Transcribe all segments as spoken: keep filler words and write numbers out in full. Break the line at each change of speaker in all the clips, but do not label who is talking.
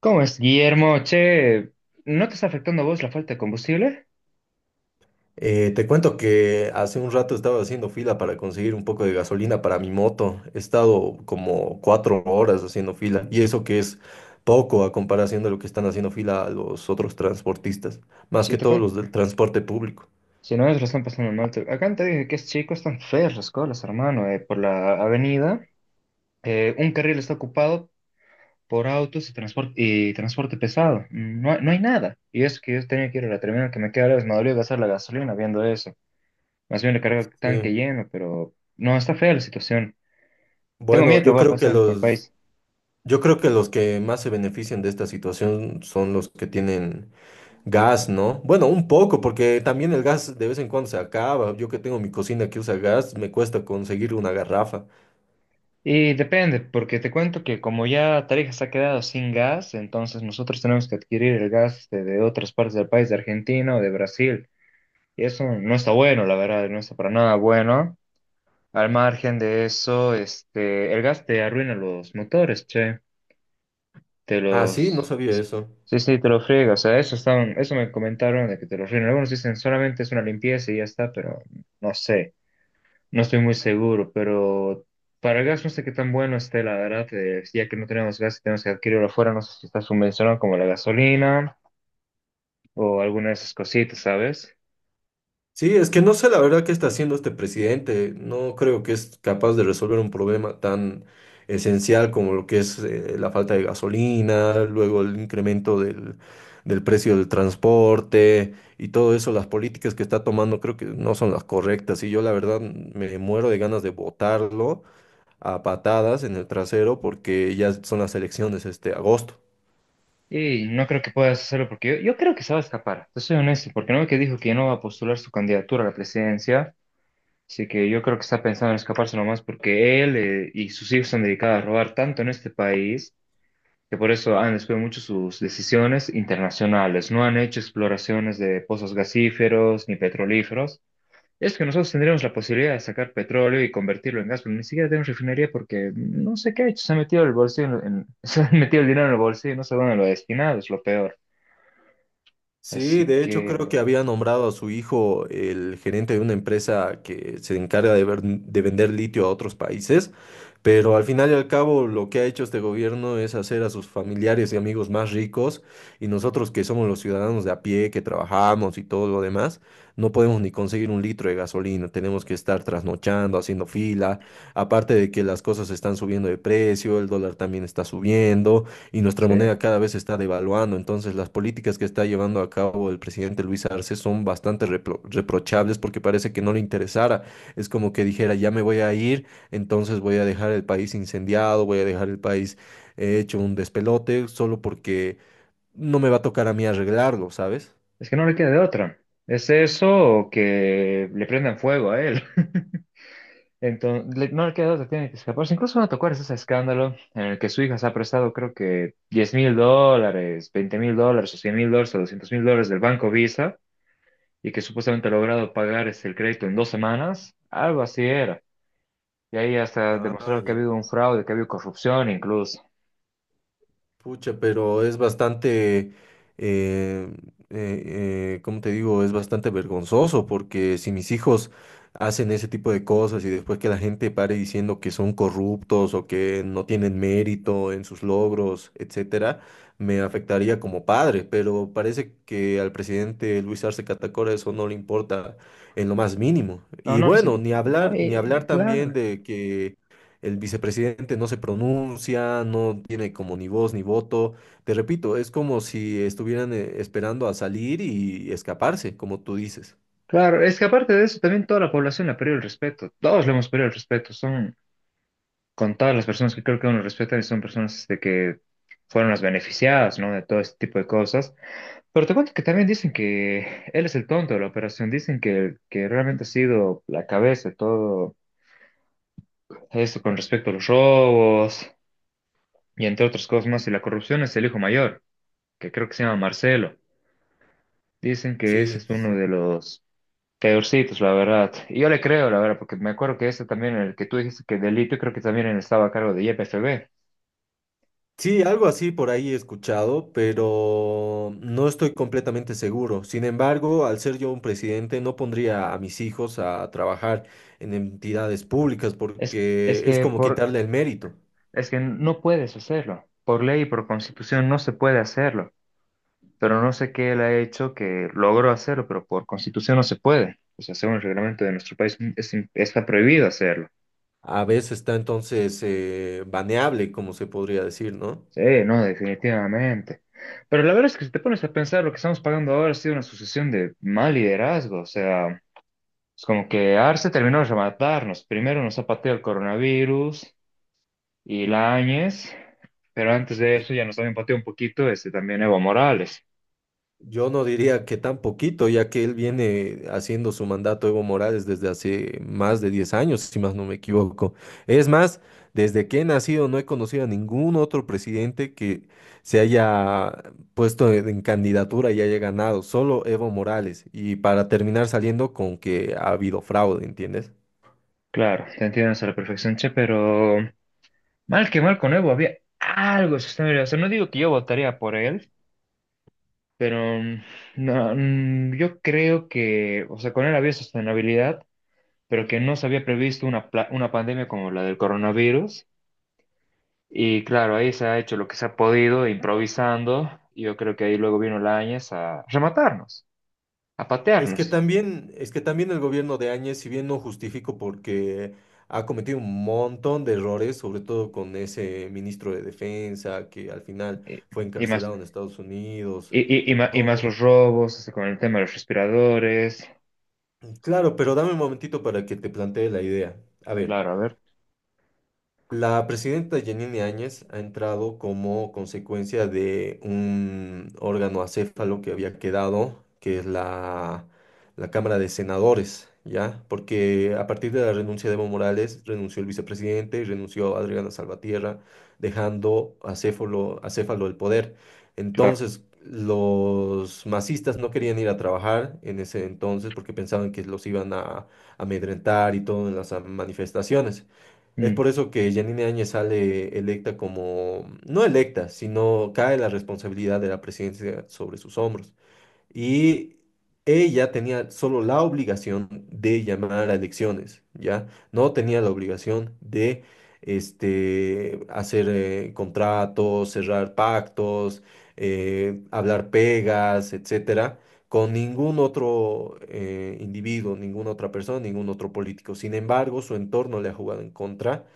¿Cómo es, Guillermo? Che, ¿no te está afectando a vos la falta de combustible?
Eh, te cuento que hace un rato estaba haciendo fila para conseguir un poco de gasolina para mi moto. He estado como cuatro horas haciendo fila y eso que es poco a comparación de lo que están haciendo fila los otros transportistas, más
Si,
que
te
todos
cuen-
los del transporte público.
si no, ellos lo están pasando mal. Te- Acá te dije que es chico, están feas las colas, hermano, eh, por la avenida. Eh, un carril está ocupado por autos y transporte, y transporte pesado. Mm, No, hay- no hay nada. Y es que yo tenía que ir a la terminal que me queda lejos, me dolió gastar la gasolina viendo eso. Más bien le cargo el tanque
Sí.
lleno, pero no, está fea la situación. Tengo
Bueno,
miedo que
yo
va a
creo que
pasar con el
los,
país.
yo creo que los que más se benefician de esta situación son los que tienen gas, ¿no? Bueno, un poco, porque también el gas de vez en cuando se acaba. Yo que tengo mi cocina que usa gas, me cuesta conseguir una garrafa.
Y depende, porque te cuento que como ya Tarija se ha quedado sin gas, entonces nosotros tenemos que adquirir el gas de, de otras partes del país, de Argentina o de Brasil. Y eso no está bueno, la verdad, no está para nada bueno. Al margen de eso, este, el gas te arruina los motores, che. Te
Ah, sí, no
los...
sabía eso.
Sí, sí, te lo friega. O sea, eso están eso me comentaron de que te lo arruina. Algunos dicen solamente es una limpieza y ya está, pero no sé. No estoy muy seguro, pero para el gas no sé qué tan bueno esté, la verdad, eh, ya que no tenemos gas y tenemos que adquirirlo afuera, no sé si está subvencionado como la gasolina o alguna de esas cositas, ¿sabes?
Sí, es que no sé la verdad qué está haciendo este presidente. No creo que es capaz de resolver un problema tan esencial como lo que es eh, la falta de gasolina, luego el incremento del, del precio del transporte y todo eso. Las políticas que está tomando creo que no son las correctas y yo la verdad me muero de ganas de votarlo a patadas en el trasero porque ya son las elecciones este agosto.
Y no creo que puedas hacerlo porque yo, yo creo que se va a escapar, te soy honesto, porque no ve que dijo que ya no va a postular su candidatura a la presidencia, así que yo creo que está pensando en escaparse nomás porque él eh, y sus hijos se han dedicado a robar tanto en este país que por eso han desviado mucho sus decisiones internacionales. No han hecho exploraciones de pozos gasíferos ni petrolíferos. Es que nosotros tendríamos la posibilidad de sacar petróleo y convertirlo en gas, pero ni siquiera tenemos refinería porque no sé qué ha hecho. Se ha metido el bolsillo en- en- se ha metido el dinero en el bolsillo y no sé dónde lo ha destinado, es lo peor.
Sí,
Así
de hecho creo
que,
que había nombrado a su hijo el gerente de una empresa que se encarga de, ver- de vender litio a otros países, pero al final y al cabo lo que ha hecho este gobierno es hacer a sus familiares y amigos más ricos y nosotros que somos los ciudadanos de a pie, que trabajamos y todo lo demás, no podemos ni conseguir un litro de gasolina, tenemos que estar trasnochando, haciendo fila, aparte de que las cosas están subiendo de precio, el dólar también está subiendo y nuestra
sí,
moneda cada vez se está devaluando. Entonces, las políticas que está llevando a cabo el presidente Luis Arce son bastante repro- reprochables porque parece que no le interesara. Es como que dijera, ya me voy a ir, entonces voy a dejar el país incendiado, voy a dejar el país eh, hecho un despelote solo porque no me va a tocar a mí arreglarlo, ¿sabes?
es que no le queda de otra. Es eso o que le prendan fuego a él. Entonces, no le queda otra, tiene que escaparse. Incluso van a tocar ese escándalo en el que su hija se ha prestado, creo que diez mil dólares, veinte mil dólares, o cien mil dólares, o doscientos mil dólares del banco Visa, y que supuestamente ha logrado pagar este, el crédito en dos semanas. Algo así era. Y ahí hasta
Ah,
demostrado que ha
ya.
habido un fraude, que ha habido corrupción incluso.
Pucha, pero es bastante, eh, eh, eh, ¿cómo te digo? Es bastante vergonzoso porque si mis hijos hacen ese tipo de cosas y después que la gente pare diciendo que son corruptos o que no tienen mérito en sus logros, etcétera, me afectaría como padre, pero parece que al presidente Luis Arce Catacora eso no le importa en lo más mínimo.
No,
Y
no, les-
bueno, ni
no,
hablar, ni hablar
y-
también
claro,
de que el vicepresidente no se pronuncia, no tiene como ni voz ni voto. Te repito, es como si estuvieran eh, esperando a salir y escaparse, como tú dices.
claro. Es que aparte de eso, también toda la población le ha perdido el respeto. Todos le hemos perdido el respeto. Son, con todas las personas que creo que uno respeta y son personas este, que fueron las beneficiadas, ¿no? De todo este tipo de cosas. Pero te cuento que también dicen que él es el tonto de la operación, dicen que, que realmente ha sido la cabeza de todo eso con respecto a los robos y entre otras cosas más. Y la corrupción es el hijo mayor, que creo que se llama Marcelo. Dicen que ese
Sí,
es uno
sí.
de los peorcitos, la verdad. Y yo le creo, la verdad, porque me acuerdo que ese también, el que tú dijiste que delito, creo que también él estaba a cargo de Y P F B.
Sí, algo así por ahí he escuchado, pero no estoy completamente seguro. Sin embargo, al ser yo un presidente, no pondría a mis hijos a trabajar en entidades públicas
Es, es
porque es
que
como
por
quitarle el mérito.
Es que no puedes hacerlo. Por ley y por constitución no se puede hacerlo. Pero no sé qué él ha hecho que logró hacerlo, pero por constitución no se puede. O sea, según el reglamento de nuestro país es im- está prohibido hacerlo.
A veces está entonces eh, baneable, como se podría decir, ¿no?
Sí, no, definitivamente. Pero la verdad es que si te pones a pensar, lo que estamos pagando ahora ha sido una sucesión de mal liderazgo. O sea, es como que Arce terminó de rematarnos. Primero nos ha pateado el coronavirus y Áñez, pero antes de
Y,
eso ya nos habían pateado un poquito este, también Evo Morales.
yo no diría que tan poquito, ya que él viene haciendo su mandato Evo Morales desde hace más de diez años, si más no me equivoco. Es más, desde que he nacido no he conocido a ningún otro presidente que se haya puesto en en candidatura y haya ganado, solo Evo Morales. Y para terminar saliendo con que ha habido fraude, ¿entiendes?
Claro, te entiendo hasta la perfección, che, pero mal que mal con Evo había algo sostenible. O sea, no digo que yo votaría por él, pero mm, no, mm, yo creo que, o sea, con él había sostenibilidad, pero que no se había previsto una, pla- una pandemia como la del coronavirus. Y claro, ahí se ha hecho lo que se ha podido, improvisando. y Yo creo que ahí luego vino Lañez a rematarnos, a
Es que
patearnos.
también, es que también el gobierno de Áñez, si bien no justifico porque ha cometido un montón de errores, sobre todo con ese ministro de Defensa que al final
Y,
fue
y más,
encarcelado en Estados Unidos.
y, y- y ma- y más
No,
los robos, o sea, con el tema de los respiradores.
claro, pero dame un momentito para que te plantee la idea. A ver,
Claro, a ver,
la presidenta Yanine Áñez ha entrado como consecuencia de un órgano acéfalo que había quedado, que es la, la Cámara de Senadores, ¿ya? Porque a partir de la renuncia de Evo Morales, renunció el vicepresidente y renunció Adriana Salvatierra, dejando acéfalo, acéfalo el poder.
claro.
Entonces, los masistas no querían ir a trabajar en ese entonces porque pensaban que los iban a amedrentar y todo en las ah, manifestaciones. Es
Mm.
por eso que Yanine Áñez sale electa como, no electa, sino cae la responsabilidad de la presidencia sobre sus hombros. Y ella tenía solo la obligación de llamar a elecciones, ¿ya? No tenía la obligación de este, hacer eh, contratos, cerrar pactos, eh, hablar pegas, etcétera, con ningún otro eh, individuo, ninguna otra persona, ningún otro político. Sin embargo, su entorno le ha jugado en contra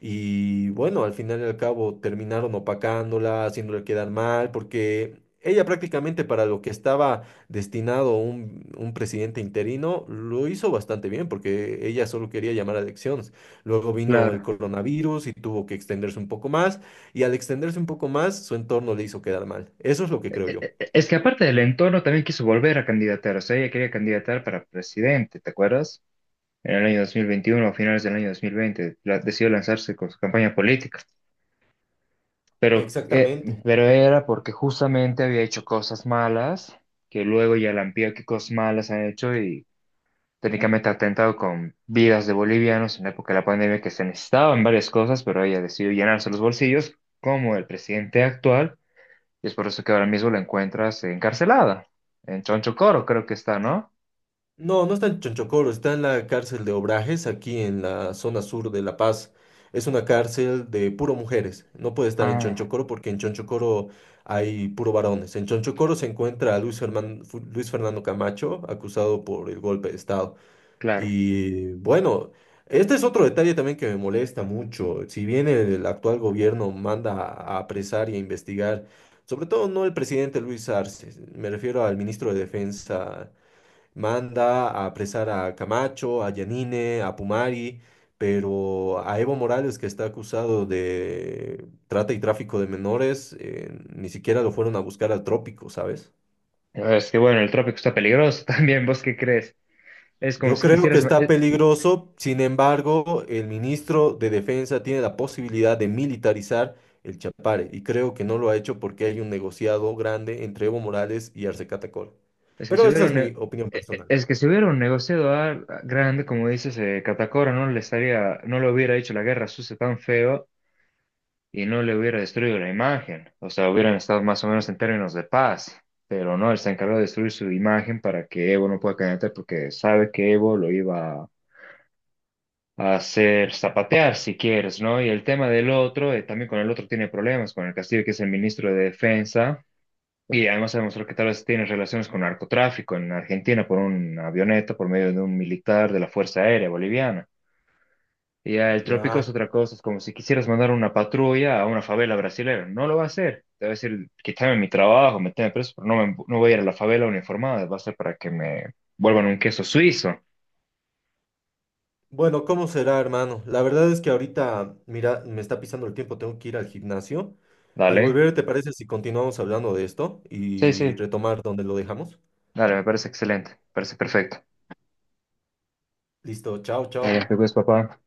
y bueno, al final y al cabo terminaron opacándola, haciéndole quedar mal, porque ella prácticamente para lo que estaba destinado un, un presidente interino, lo hizo bastante bien, porque ella solo quería llamar a elecciones. Luego vino el
Claro.
coronavirus y tuvo que extenderse un poco más, y al extenderse un poco más, su entorno le hizo quedar mal. Eso es lo que
E-
creo
e-
yo.
e- e, Es que aparte del entorno, también quiso volver a candidatar. O sea, ella quería candidatar para presidente, ¿te acuerdas? En el año dos mil veintiuno a finales del año dos mil veinte, la- decidió lanzarse con su campaña política. Pero, eh,
Exactamente.
pero era porque justamente había hecho cosas malas, que luego ya la amplió qué cosas malas han hecho y técnicamente ha atentado con vidas de bolivianos en la época de la pandemia que se necesitaban varias cosas, pero ella decidió llenarse los bolsillos como el presidente actual. Y es por eso que ahora mismo la encuentras encarcelada, en Chonchocoro creo que está, ¿no?
No, no está en Chonchocoro, está en la cárcel de Obrajes, aquí en la zona sur de La Paz. Es una cárcel de puro mujeres. No puede estar en
Ah,
Chonchocoro porque en Chonchocoro hay puro varones. En Chonchocoro se encuentra a Luis Fernan- Fu- Luis Fernando Camacho, acusado por el golpe de Estado.
claro.
Y bueno, este es otro detalle también que me molesta mucho. Si bien el actual gobierno manda a a apresar y a investigar, sobre todo no el presidente Luis Arce, me refiero al ministro de Defensa manda a apresar a Camacho, a Yanine, a Pumari, pero a Evo Morales, que está acusado de trata y tráfico de menores, eh, ni siquiera lo fueron a buscar al trópico, ¿sabes?
Es que bueno, el trópico está peligroso también, ¿vos qué crees? Es como
Yo
si
creo que
quisieras,
está
es,
peligroso, sin embargo, el ministro de Defensa tiene la posibilidad de militarizar el Chapare y creo que no lo ha hecho porque hay un negociado grande entre Evo Morales y Arce Catacol.
es que si
Pero esa
hubiera
es
un, ne-
mi opinión
e-
personal.
Es que si hubiera un negociador grande, como dices, eh, Catacora no le estaría, no le hubiera hecho la guerra sucia tan feo y no le hubiera destruido la imagen. O sea, hubieran estado más o menos en términos de paz, pero no, él se encargó de destruir su imagen para que Evo no pueda candidatar porque sabe que Evo lo iba hacer zapatear si quieres, ¿no? Y el tema del otro, eh, también con el otro tiene problemas, con el Castillo, que es el ministro de Defensa, y además se demostró que tal vez tiene relaciones con narcotráfico en Argentina por una avioneta, por medio de un militar de la Fuerza Aérea Boliviana. Y ya el trópico es
Ya.
otra cosa, es como si quisieras mandar una patrulla a una favela brasileña, no lo va a hacer. Te va a decir, quítame mi trabajo, meteme preso, pero no, me- no voy a ir a la favela uniformada, va a ser para que me vuelvan un queso suizo,
Bueno, ¿cómo será, hermano? La verdad es que ahorita, mira, me está pisando el tiempo, tengo que ir al gimnasio. Al
¿dale?
volver, ¿te parece si continuamos hablando de esto
Sí,
y
sí,
retomar donde lo dejamos?
dale, me parece excelente, me parece perfecto.
Listo, chao,
A
chao.
las películas, papá.